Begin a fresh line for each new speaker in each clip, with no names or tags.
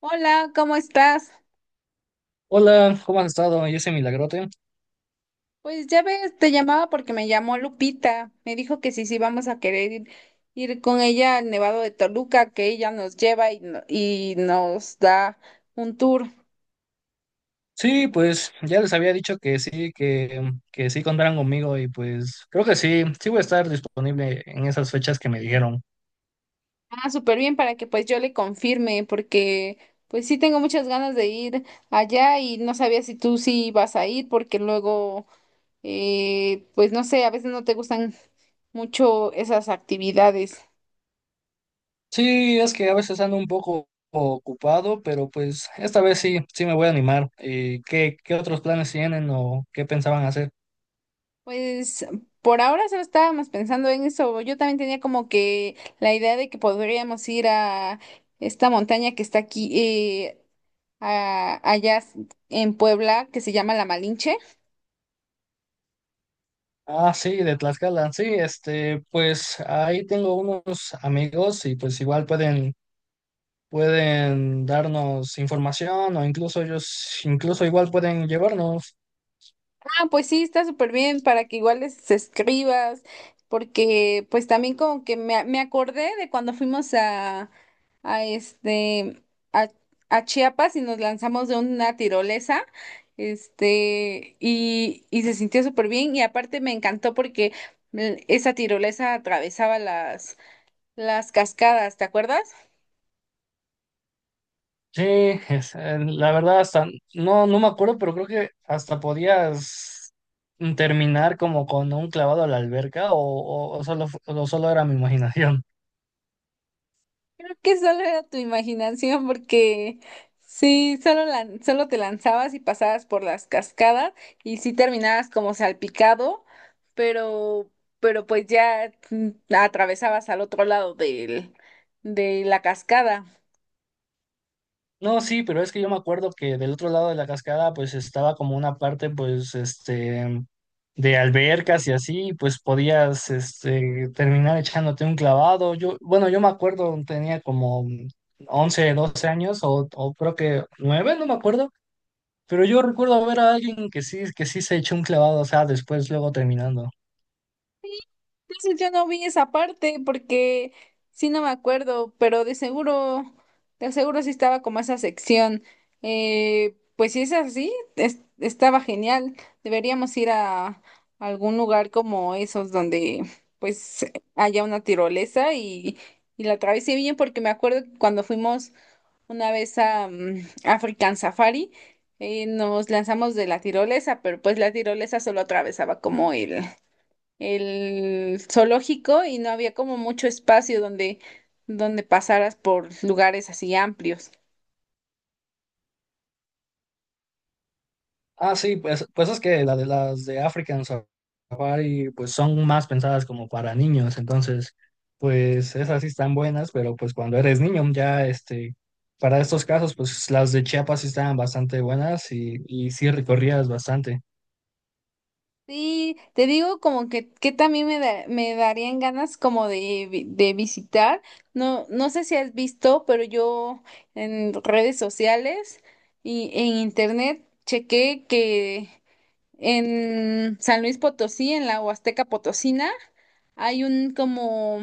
Hola, ¿cómo estás?
Hola, ¿cómo has estado? Yo soy Milagrote.
Pues ya ves, te llamaba porque me llamó Lupita. Me dijo que sí, vamos a querer ir con ella al Nevado de Toluca, que ella nos lleva y, y nos da un tour.
Sí, pues ya les había dicho que sí, que sí contaran conmigo y pues creo que sí, sí voy a estar disponible en esas fechas que me dijeron.
Ah, súper bien para que pues yo le confirme, porque pues sí tengo muchas ganas de ir allá y no sabía si tú sí ibas a ir, porque luego, pues no sé, a veces no te gustan mucho esas actividades.
Sí, es que a veces ando un poco ocupado, pero pues esta vez sí, sí me voy a animar. ¿Y qué, qué otros planes tienen o qué pensaban hacer?
Pues por ahora solo estábamos pensando en eso. Yo también tenía como que la idea de que podríamos ir a esta montaña que está aquí, allá en Puebla, que se llama La Malinche.
Ah, sí, de Tlaxcala. Sí, este, pues ahí tengo unos amigos y pues igual pueden darnos información o incluso ellos, incluso igual pueden llevarnos.
Ah, pues sí, está súper bien para que igual les escribas, porque pues también como que me acordé de cuando fuimos a este, a, a Chiapas y nos lanzamos de una tirolesa, este, y se sintió súper bien y aparte me encantó porque esa tirolesa atravesaba las cascadas, ¿te acuerdas?
Sí, la verdad hasta, no, no me acuerdo, pero creo que hasta podías terminar como con un clavado a la alberca o, o solo, o solo era mi imaginación.
Creo que solo era tu imaginación porque sí, solo, solo te lanzabas y pasabas por las cascadas y sí terminabas como salpicado, pero, pero pues ya atravesabas al otro lado de la cascada.
No, sí, pero es que yo me acuerdo que del otro lado de la cascada pues estaba como una parte pues este de albercas y así, pues podías este terminar echándote un clavado. Yo, bueno, yo me acuerdo, tenía como 11 12 años o creo que 9 no me acuerdo, pero yo recuerdo ver a alguien que sí se echó un clavado, o sea, después luego terminando.
Entonces yo no vi esa parte porque sí no me acuerdo, pero de seguro sí estaba como esa sección. Pues si es así, es- estaba genial. Deberíamos ir a algún lugar como esos donde pues haya una tirolesa y la atravesé bien porque me acuerdo que cuando fuimos una vez a African Safari, nos lanzamos de la tirolesa, pero pues la tirolesa solo atravesaba como el zoológico y no había como mucho espacio donde pasaras por lugares así amplios.
Ah, sí, pues, pues es que las de African Safari pues son más pensadas como para niños, entonces pues esas sí están buenas, pero pues cuando eres niño ya este, para estos casos pues las de Chiapas sí estaban bastante buenas y sí recorrías bastante.
Sí, te digo como que también me darían ganas como de visitar. No, no sé si has visto, pero yo en redes sociales y en internet chequé que en San Luis Potosí, en la Huasteca Potosina, hay un como,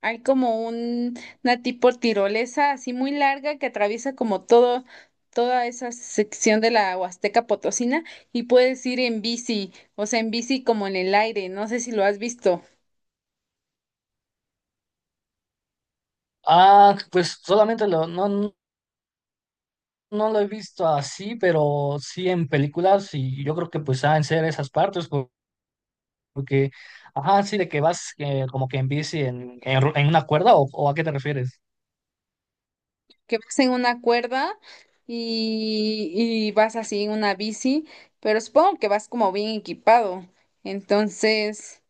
hay como un, una tipo tirolesa así muy larga que atraviesa como toda esa sección de la Huasteca Potosina y puedes ir en bici, o sea, en bici como en el aire, no sé si lo has visto,
Ah, pues solamente lo, no, no lo he visto así, pero sí en películas y yo creo que pues han ser esas partes porque, ajá, sí de que vas como que en bici en, en una cuerda o ¿a qué te refieres?
que vas en una cuerda, y vas así en una bici, pero supongo que vas como bien equipado. Entonces,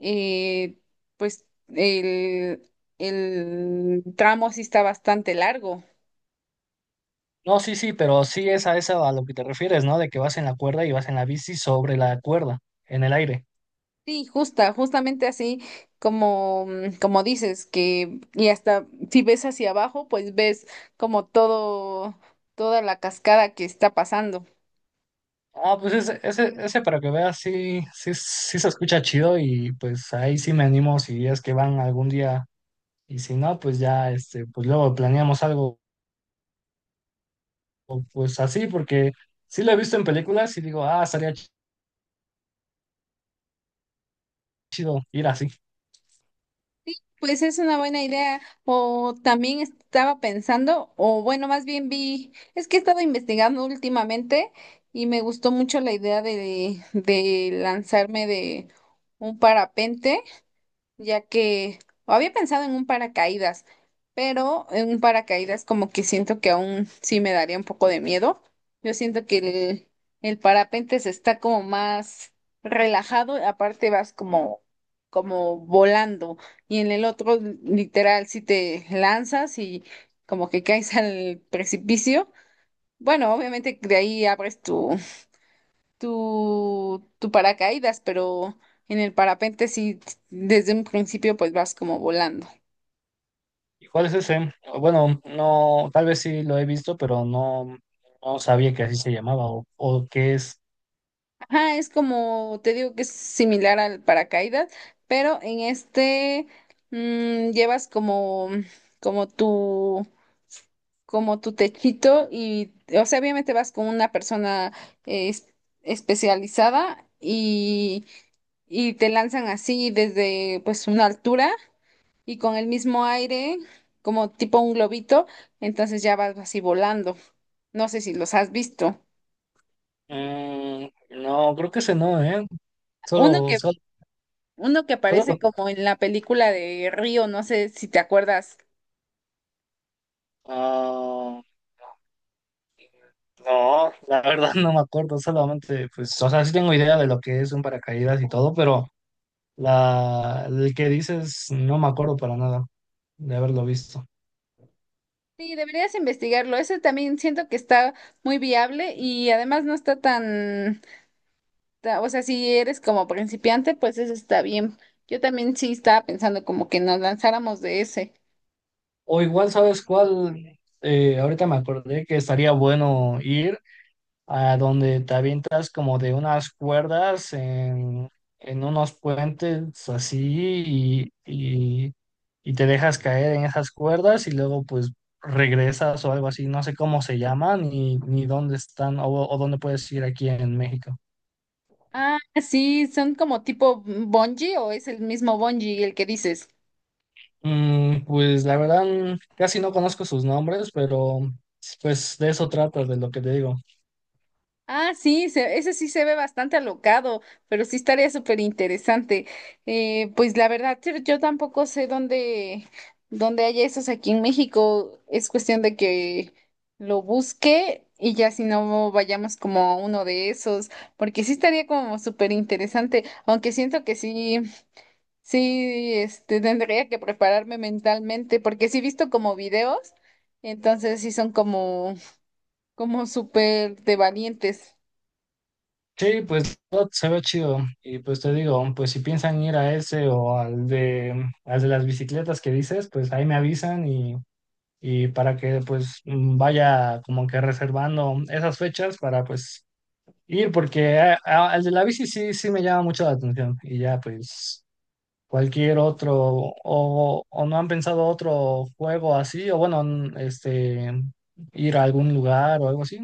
eh, pues el, el tramo sí está bastante largo.
No, sí, sí, pero sí es a eso a lo que te refieres, ¿no? De que vas en la cuerda y vas en la bici sobre la cuerda, en el aire.
Sí, justamente así como, como dices, que y hasta si ves hacia abajo, pues ves como toda la cascada que está pasando.
Ah, pues ese para que veas, sí, sí, sí se escucha chido y pues ahí sí me animo si es que van algún día y si no, pues ya, este, pues luego planeamos algo pues así porque sí lo he visto en películas y digo, ah, estaría chido ir así.
Pues es una buena idea. O también estaba pensando, o bueno, más bien vi, es que he estado investigando últimamente y me gustó mucho la idea de lanzarme de un parapente ya que había pensado en un paracaídas, pero en un paracaídas como que siento que aún sí me daría un poco de miedo. Yo siento que el parapente se está como más relajado, aparte vas como, como volando, y en el otro literal si te lanzas y como que caes al precipicio. Bueno, obviamente de ahí abres tu paracaídas, pero en el parapente sí, desde un principio pues vas como volando.
¿Y cuál es ese? Bueno, no, tal vez sí lo he visto, pero no, no sabía que así se llamaba o qué es.
Ajá, es como, te digo que es similar al paracaídas, pero en este llevas como, como tu, como tu techito y, o sea, obviamente vas con una persona eh, es- especializada y te lanzan así desde pues una altura y con el mismo aire, como tipo un globito, entonces ya vas así volando. No sé si los has visto.
Mm, no, creo que ese no, ¿eh?
Uno
Solo,
que,
solo,
uno que
solo
aparece
con-
como en la película de Río, no sé si te acuerdas.
Ah, no, la verdad no me acuerdo, solamente, pues, o sea, sí tengo idea de lo que es un paracaídas y todo, pero la, el que dices no me acuerdo para nada de haberlo visto.
Sí, deberías investigarlo. Ese también siento que está muy viable y además no está tan, o sea, si eres como principiante, pues eso está bien. Yo también sí estaba pensando como que nos lanzáramos de ese.
O igual, ¿sabes cuál? Ahorita me acordé que estaría bueno ir a donde te avientas como de unas cuerdas en unos puentes así y, y, y te dejas caer en esas cuerdas y luego pues regresas o algo así, no sé cómo se llaman ni, ni dónde están o dónde puedes ir aquí en México.
Ah, sí, son como tipo bungee o es el mismo bungee el que dices.
Mm, pues la verdad casi no conozco sus nombres, pero pues de eso trata, de lo que te digo.
Ah, sí, ese sí se ve bastante alocado, pero sí estaría súper interesante. Pues la verdad, yo tampoco sé dónde hay esos aquí en México. Es cuestión de que lo busque y ya si no vayamos como a uno de esos, porque sí estaría como súper interesante, aunque siento que sí, este, tendría que prepararme mentalmente, porque sí he visto como videos, entonces sí son como, como súper de valientes.
Sí, pues todo se ve chido. Y pues te digo, pues si piensan ir a ese o al de las bicicletas que dices, pues ahí me avisan y para que pues vaya como que reservando esas fechas para pues ir, porque al de la bici sí, sí me llama mucho la atención. Y ya pues cualquier otro, o no han pensado otro juego así, o bueno, este, ir a algún lugar o algo así.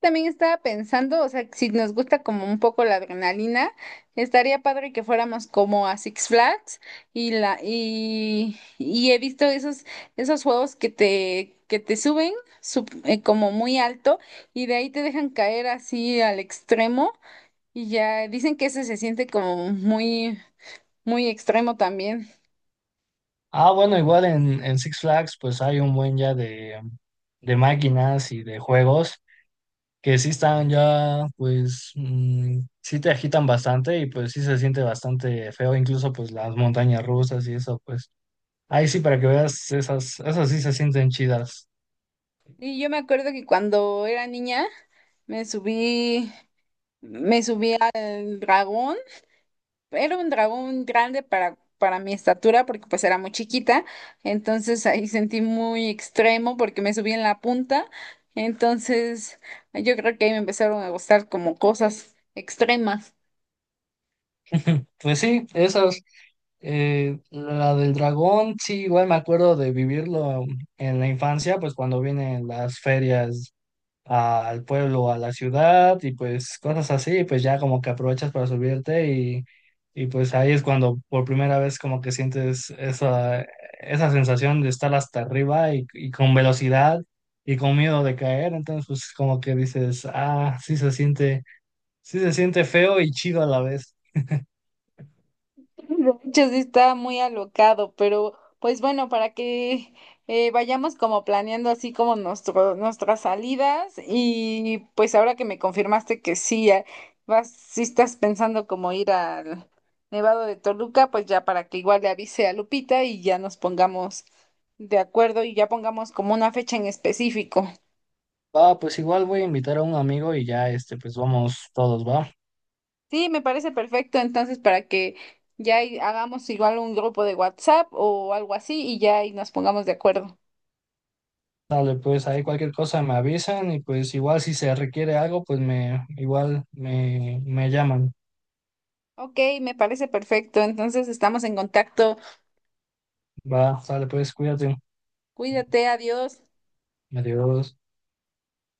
También estaba pensando, o sea, si nos gusta como un poco la adrenalina, estaría padre que fuéramos como a Six Flags y y he visto esos juegos que te suben como muy alto y de ahí te dejan caer así al extremo y ya dicen que ese se siente como muy extremo también.
Ah, bueno, igual en Six Flags pues hay un buen ya de máquinas y de juegos que sí están ya pues sí te agitan bastante y pues sí se siente bastante feo, incluso pues las montañas rusas y eso pues ahí sí para que veas esas, esas sí se sienten chidas.
Y yo me acuerdo que cuando era niña me subí me subí al dragón. Era un dragón grande para mi estatura porque pues era muy chiquita, entonces ahí sentí muy extremo porque me subí en la punta, entonces yo creo que ahí me empezaron a gustar como cosas extremas.
Pues sí, esas, la del dragón sí igual me acuerdo de vivirlo en la infancia pues cuando vienen las ferias al pueblo, a la ciudad y pues cosas así, pues ya como que aprovechas para subirte y pues ahí es cuando por primera vez como que sientes esa, esa sensación de estar hasta arriba y con velocidad y con miedo de caer, entonces pues como que dices, ah, sí se siente feo y chido a la vez.
De hecho, sí está muy alocado, pero pues bueno, para que vayamos como planeando así como nuestras salidas y pues ahora que me confirmaste que sí, vas, sí estás pensando como ir al Nevado de Toluca, pues ya para que igual le avise a Lupita y ya nos pongamos de acuerdo y ya pongamos como una fecha en específico.
Ah, pues igual voy a invitar a un amigo y ya este, pues vamos todos, ¿va?
Sí, me parece perfecto, entonces para que ya ahí hagamos igual un grupo de WhatsApp o algo así y ya ahí nos pongamos de acuerdo.
Dale, pues ahí cualquier cosa me avisan y pues igual si se requiere algo, pues me igual me, me llaman.
Ok, me parece perfecto. Entonces estamos en contacto.
Va, dale, pues cuídate.
Cuídate, adiós.
Adiós.